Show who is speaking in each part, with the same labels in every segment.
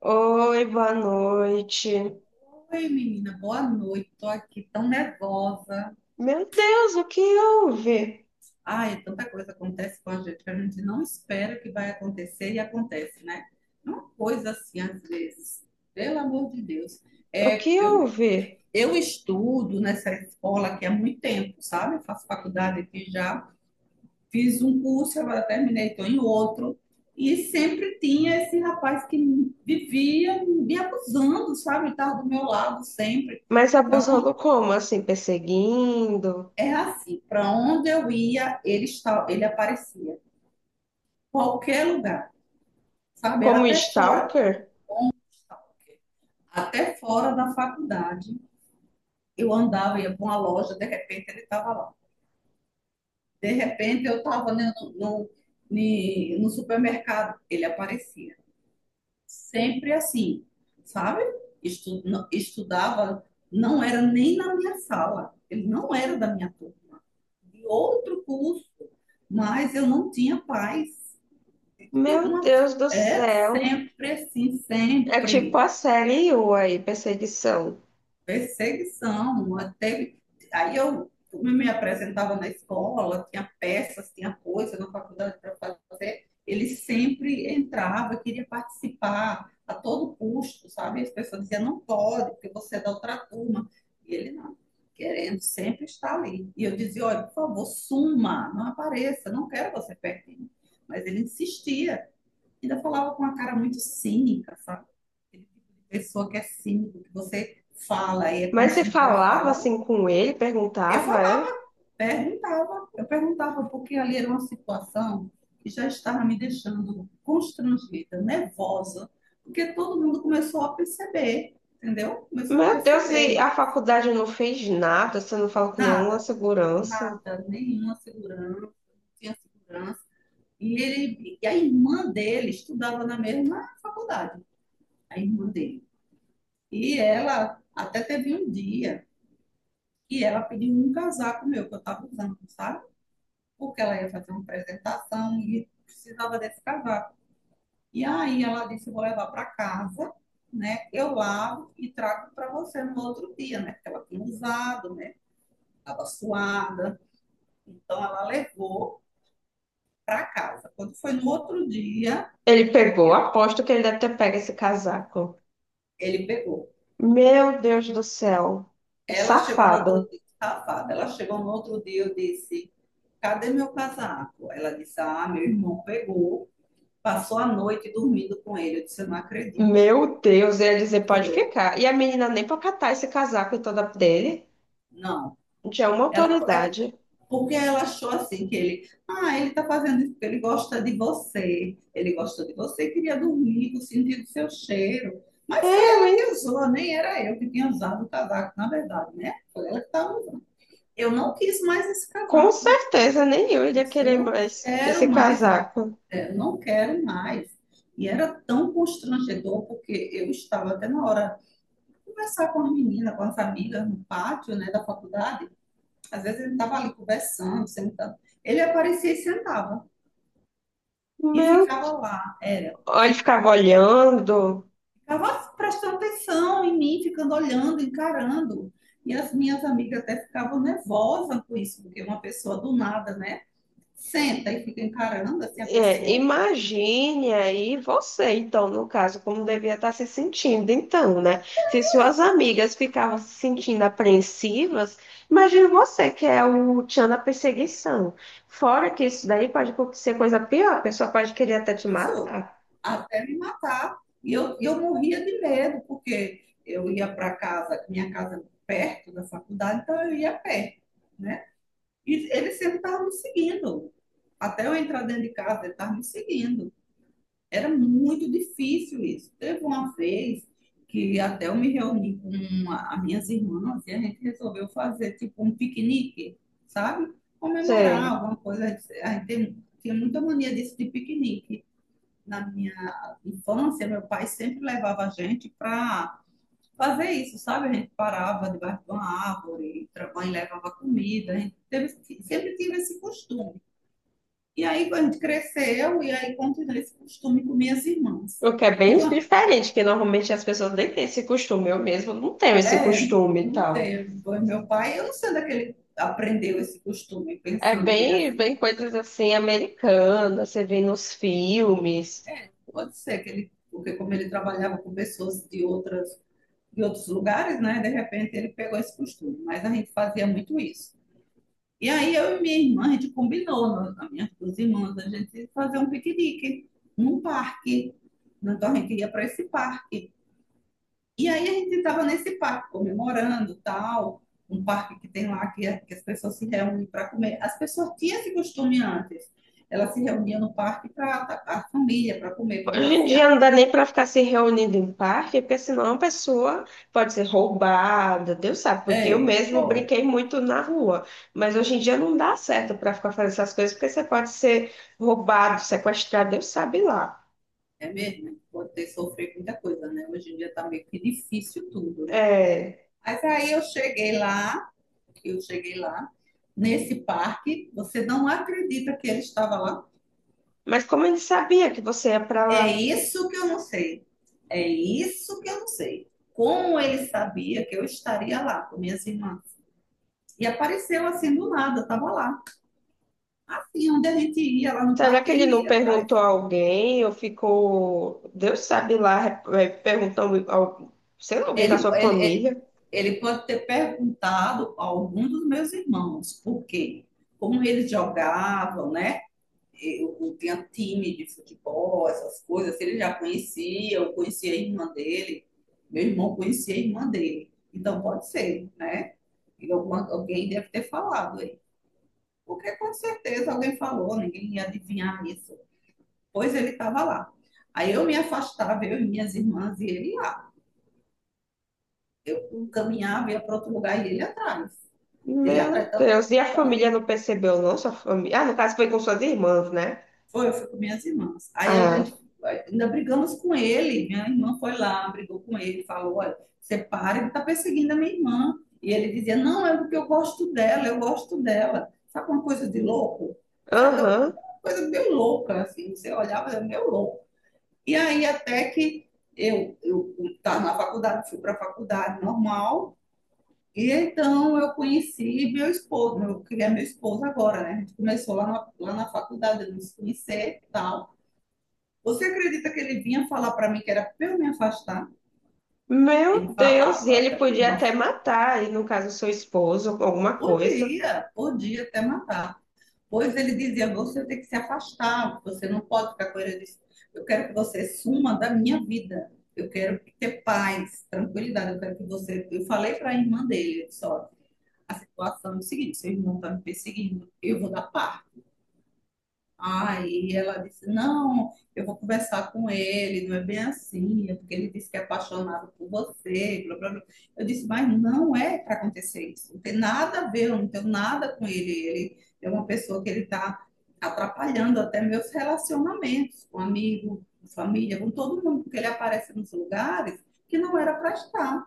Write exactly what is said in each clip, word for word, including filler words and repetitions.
Speaker 1: Oi, boa noite.
Speaker 2: Oi, menina, boa noite. Tô aqui tão nervosa.
Speaker 1: Meu Deus, o que houve?
Speaker 2: Ai, tanta coisa acontece com a gente que a gente não espera que vai acontecer e acontece, né? É uma coisa assim, às vezes. Pelo amor de Deus.
Speaker 1: O
Speaker 2: É,
Speaker 1: que
Speaker 2: eu,
Speaker 1: houve?
Speaker 2: eu estudo nessa escola aqui há muito tempo, sabe? Eu faço faculdade aqui já. Fiz um curso, agora terminei, estou em outro. E sempre tinha esse rapaz que vivia me abusando, sabe? Estava do meu lado sempre.
Speaker 1: Mas
Speaker 2: Pronto.
Speaker 1: abusando como? Assim, perseguindo?
Speaker 2: É assim, para onde eu ia, ele está, ele aparecia. Qualquer lugar, sabe?
Speaker 1: Como
Speaker 2: Até fora,
Speaker 1: stalker?
Speaker 2: até fora da faculdade, eu andava, ia para uma loja, de repente ele estava lá. De repente eu estava no, no, no supermercado, ele aparecia. Sempre assim, sabe? Estu- estudava, não era nem na minha sala, ele não era da minha turma, de outro curso, mas eu não tinha paz. Eu,
Speaker 1: Meu
Speaker 2: uma,
Speaker 1: Deus do
Speaker 2: é
Speaker 1: céu.
Speaker 2: sempre assim,
Speaker 1: É tipo
Speaker 2: sempre.
Speaker 1: a série U aí, perseguição.
Speaker 2: Perseguição. Até aí eu, eu me apresentava na escola, tinha peças, tinha coisa na faculdade para fazer. Ele sempre entrava, queria participar a todo custo, sabe? As pessoas diziam, não pode, porque você é da outra turma. E ele não, querendo sempre estar ali. E eu dizia, olha, por favor, suma, não apareça, não quero você pertinho. Mas ele insistia. Ainda falava com uma cara muito cínica, sabe? Aquele tipo de pessoa que é cínico, que você fala e é como
Speaker 1: Mas
Speaker 2: se
Speaker 1: você
Speaker 2: não estivesse
Speaker 1: falava
Speaker 2: falando.
Speaker 1: assim com ele,
Speaker 2: Eu
Speaker 1: perguntava, é?
Speaker 2: falava, perguntava, eu perguntava, porque ali era uma situação que já estava me deixando constrangida, nervosa, porque todo mundo começou a perceber, entendeu? Começou a
Speaker 1: Meu Deus,
Speaker 2: perceber,
Speaker 1: e a
Speaker 2: não,
Speaker 1: faculdade não fez nada, você não falou com nenhuma
Speaker 2: nada,
Speaker 1: segurança.
Speaker 2: nada, nenhuma segurança, não tinha segurança. E, ele, e a irmã dele estudava na mesma faculdade, a irmã dele. E ela até teve um dia que ela pediu um casaco meu que eu estava usando, sabe? Porque ela ia fazer uma apresentação e precisava desse casaco. E aí ela disse: vou levar para casa, né? Eu lavo e trago para você no outro dia, né? Porque ela tinha usado, né? Estava suada. Então ela levou para casa. Quando foi no outro dia,
Speaker 1: Ele pegou,
Speaker 2: eu,
Speaker 1: aposto que ele deve ter pego esse casaco.
Speaker 2: ele pegou.
Speaker 1: Meu Deus do céu. O
Speaker 2: Ela chegou no
Speaker 1: safado.
Speaker 2: outro dia, safada. Ela chegou no outro dia, eu disse: Cadê meu casaco? Ela disse: Ah, meu irmão pegou, passou a noite dormindo com ele. Eu disse: Eu não acredito.
Speaker 1: Meu Deus, ele ia dizer, pode
Speaker 2: Foi.
Speaker 1: ficar. E a menina nem pra catar esse casaco toda dele.
Speaker 2: Não.
Speaker 1: Já é uma
Speaker 2: Ela, é
Speaker 1: autoridade.
Speaker 2: porque ela achou assim que ele, ah, ele tá fazendo isso porque ele gosta de você. Ele gosta de você, queria dormir, com sentindo seu cheiro. Mas foi
Speaker 1: Eu,
Speaker 2: ela que
Speaker 1: hein?
Speaker 2: usou, nem era eu que tinha usado o casaco, na verdade, né? Foi ela que estava usando. Eu não quis mais esse
Speaker 1: Com
Speaker 2: casaco.
Speaker 1: certeza, nem eu iria
Speaker 2: Eu Eu
Speaker 1: querer
Speaker 2: não
Speaker 1: mais esse
Speaker 2: quero mais. Eu
Speaker 1: casaco.
Speaker 2: é, não quero mais. E era tão constrangedor, porque eu estava até na hora de conversar com as meninas, com as amigas no pátio, né, da faculdade. Às vezes ele estava ali conversando, sentado. Ele aparecia e sentava e
Speaker 1: Meu.
Speaker 2: ficava lá, era
Speaker 1: Ó, ele ficava
Speaker 2: ficar.
Speaker 1: olhando.
Speaker 2: Ficava prestando atenção em mim, ficando olhando, encarando. E as minhas amigas até ficavam nervosas com isso, porque uma pessoa do nada, né, senta e fica encarando assim a
Speaker 1: É,
Speaker 2: pessoa.
Speaker 1: imagine aí você, então, no caso, como devia estar se sentindo, então, né? Se suas amigas ficavam se sentindo apreensivas, imagine você, que é o tchan da perseguição. Fora que isso daí pode acontecer coisa pior, a pessoa pode querer até te
Speaker 2: Isso,
Speaker 1: matar.
Speaker 2: até me matar. E eu, eu morria de medo, porque eu ia para casa, minha casa é perto da faculdade, então eu ia a pé, né? E ele sempre estava me seguindo. Até eu entrar dentro de casa, ele estava me seguindo. Era muito difícil isso. Teve uma vez que até eu me reuni com uma, as minhas irmãs e a gente resolveu fazer tipo um piquenique, sabe? Comemorar
Speaker 1: Sei.
Speaker 2: alguma coisa. A gente tem- tinha muita mania disso de piquenique na minha infância, meu pai sempre levava a gente para fazer isso, sabe? A gente parava debaixo de uma árvore, a mãe levava comida, a gente teve, sempre tive esse costume. E aí a gente cresceu e aí continuei esse costume com minhas irmãs.
Speaker 1: O que é bem
Speaker 2: Então,
Speaker 1: diferente, que normalmente as pessoas nem têm esse costume, eu mesmo não tenho esse
Speaker 2: é,
Speaker 1: costume e
Speaker 2: não
Speaker 1: tal.
Speaker 2: teve. Foi Meu pai, eu não sei onde é que ele aprendeu esse costume,
Speaker 1: É
Speaker 2: pensando bem
Speaker 1: bem,
Speaker 2: assim.
Speaker 1: bem coisas assim, americanas, você vê nos filmes.
Speaker 2: Pode ser que ele, porque como ele trabalhava com pessoas de outras em outros lugares, né? De repente ele pegou esse costume, mas a gente fazia muito isso. E aí eu e minha irmã, a gente combinou, nós- as minhas duas irmãs, a gente fazer um piquenique num parque. Né, então a gente ia para esse parque. E aí a gente estava nesse parque comemorando, tal, um parque que tem lá que, é, que as pessoas se reúnem para comer. As pessoas tinham esse costume antes. Elas se reuniam no parque para a família, para comer, para
Speaker 1: Hoje em dia
Speaker 2: passear.
Speaker 1: não dá nem para ficar se reunindo em parque, porque senão a pessoa pode ser roubada, Deus sabe, porque eu
Speaker 2: É,
Speaker 1: mesmo
Speaker 2: ó,
Speaker 1: brinquei muito na rua. Mas hoje em dia não dá certo para ficar fazendo essas coisas, porque você pode ser roubado, sequestrado, Deus sabe lá.
Speaker 2: é mesmo? Pode ter sofrido muita coisa, né? Hoje em dia tá meio que difícil tudo, né?
Speaker 1: É,
Speaker 2: Mas aí eu cheguei lá, eu cheguei lá, nesse parque, você não acredita que ele estava lá?
Speaker 1: mas como ele sabia que você ia para
Speaker 2: É
Speaker 1: lá?
Speaker 2: isso que eu não sei. É isso que eu não sei. Como ele sabia que eu estaria lá com minhas irmãs? E apareceu assim do nada, estava lá. Assim, onde a gente ia lá no
Speaker 1: Será que
Speaker 2: parque,
Speaker 1: ele
Speaker 2: ele
Speaker 1: não
Speaker 2: ia atrás.
Speaker 1: perguntou a alguém ou ficou, Deus sabe lá, é, perguntando, ao, sei lá, alguém da
Speaker 2: Ele,
Speaker 1: sua
Speaker 2: ele, ele-
Speaker 1: família?
Speaker 2: Ele pode ter perguntado a algum dos meus irmãos por quê, como eles jogavam, né? Eu, eu tinha time de futebol, essas coisas. Ele já conhecia, eu conhecia a irmã dele, meu irmão conhecia a irmã dele. Então pode ser, né? E alguma, alguém deve ter falado aí. Porque com certeza alguém falou, ninguém ia adivinhar isso. Pois ele estava lá. Aí eu me afastava, eu e minhas irmãs, e ele lá. Eu caminhava, ia para outro lugar e ele atrás. Ele atrai
Speaker 1: Meu
Speaker 2: tanto,
Speaker 1: Deus, e a
Speaker 2: tanto.
Speaker 1: família não percebeu, não? Sua família. Ah, no caso foi com suas irmãs, né?
Speaker 2: Foi, eu fui com minhas irmãs. Aí a
Speaker 1: Ah,
Speaker 2: gente ainda brigamos com ele. Minha irmã foi lá, brigou com ele, falou: olha, você para, ele tá perseguindo a minha irmã. E ele dizia: não, é porque eu gosto dela, eu gosto dela. Sabe uma coisa de louco? Sabe
Speaker 1: aham.
Speaker 2: uma coisa meio louca, assim, você olhava, era meio louco. E aí até que eu, estava eu estava na faculdade, fui para a faculdade normal. E então eu conheci meu esposo, eu queria meu esposo agora, né? A gente começou lá na, lá na faculdade, a gente conhecer e tal. Você acredita que ele vinha falar para mim que era para eu me afastar? Ele
Speaker 1: Meu Deus, e
Speaker 2: falava,
Speaker 1: ele
Speaker 2: até para mim,
Speaker 1: podia até
Speaker 2: nossa,
Speaker 1: matar, e no caso seu esposo, alguma coisa.
Speaker 2: podia, podia até matar. Pois ele dizia, você tem que se afastar, você não pode ficar com ele. Eu disse, eu quero que você suma da minha vida. Eu quero ter paz, tranquilidade. Eu quero que você. Eu falei para a irmã dele, só a situação é o seguinte: seu irmão está me perseguindo, eu vou dar paz. Aí ela disse: Não, eu vou conversar com ele, não é bem assim, é porque ele disse que é apaixonado por você. Blá, blá, blá. Eu disse: Mas não é para acontecer isso, não tem nada a ver, eu não tenho nada com ele. Ele é uma pessoa que ele está atrapalhando até meus relacionamentos com amigo, com família, com todo mundo, porque ele aparece nos lugares que não era para estar,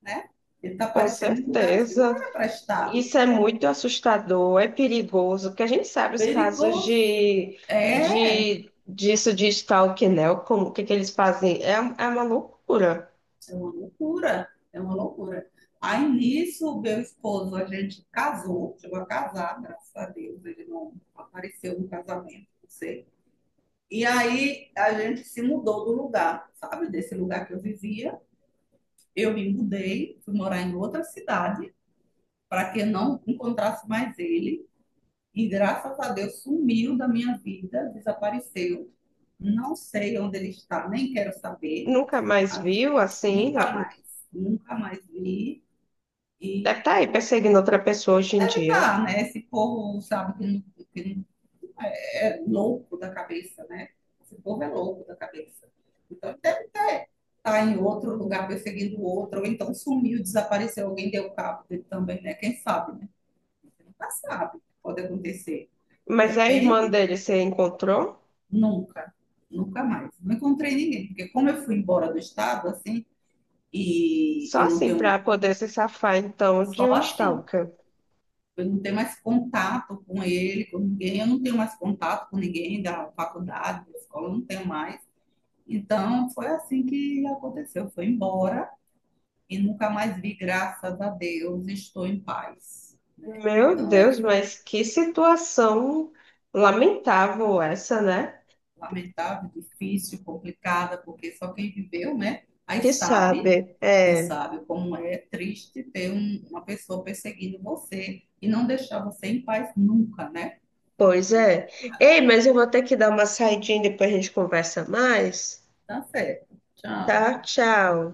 Speaker 2: né? Ele está
Speaker 1: Com
Speaker 2: aparecendo em lugares que não
Speaker 1: certeza.
Speaker 2: era para estar.
Speaker 1: Isso é muito assustador, é perigoso, porque a gente sabe os casos
Speaker 2: Perigoso.
Speaker 1: de,
Speaker 2: É,
Speaker 1: de disso de stalking, né? Como, o que que eles fazem? É, é uma loucura.
Speaker 2: É uma loucura, é uma loucura. Aí nisso, meu esposo, a gente casou, chegou a casar, graças a Deus, ele não apareceu no casamento, não sei. E aí a gente se mudou do lugar, sabe? Desse lugar que eu vivia. Eu me mudei, fui morar em outra cidade, para que eu não encontrasse mais ele. E graças a Deus sumiu da minha vida, desapareceu. Não sei onde ele está, nem quero saber.
Speaker 1: Nunca mais viu assim.
Speaker 2: Nunca mais, nunca mais vi.
Speaker 1: Deve
Speaker 2: E
Speaker 1: estar aí perseguindo outra pessoa hoje em
Speaker 2: deve
Speaker 1: dia.
Speaker 2: estar, né? Esse povo, sabe, que não, que não- é louco da cabeça, né? Esse povo é louco da cabeça. Então, deve ter, tá em outro lugar perseguindo outro, ou então sumiu, desapareceu, alguém deu cabo dele também, né? Quem sabe, né? Você nunca sabe o que pode acontecer. De
Speaker 1: Mas a irmã
Speaker 2: repente,
Speaker 1: dele você encontrou?
Speaker 2: nunca, nunca mais. Não encontrei ninguém, porque como eu fui embora do estado, assim, e
Speaker 1: Só
Speaker 2: eu não
Speaker 1: assim
Speaker 2: tenho
Speaker 1: pra poder se safar, então, de
Speaker 2: só
Speaker 1: um
Speaker 2: assim.
Speaker 1: stalker.
Speaker 2: Eu não tenho mais contato com ele, com ninguém. Eu não tenho mais contato com ninguém da faculdade, da escola, eu não tenho mais. Então, foi assim que aconteceu. Foi embora e nunca mais vi, graças a Deus, estou em paz, né?
Speaker 1: Meu
Speaker 2: Então,
Speaker 1: Deus,
Speaker 2: essa
Speaker 1: mas que situação lamentável essa, né?
Speaker 2: lamentável, difícil, complicada, porque só quem viveu, né? Aí
Speaker 1: Que sabe,
Speaker 2: sabe,
Speaker 1: é,
Speaker 2: que sabe como é triste ter um- uma pessoa perseguindo você e não deixar você em paz nunca, né?
Speaker 1: pois é. Ei, mas eu vou ter que dar uma saidinha, depois a gente conversa mais,
Speaker 2: Tá certo. Tchau.
Speaker 1: tá? Tchau.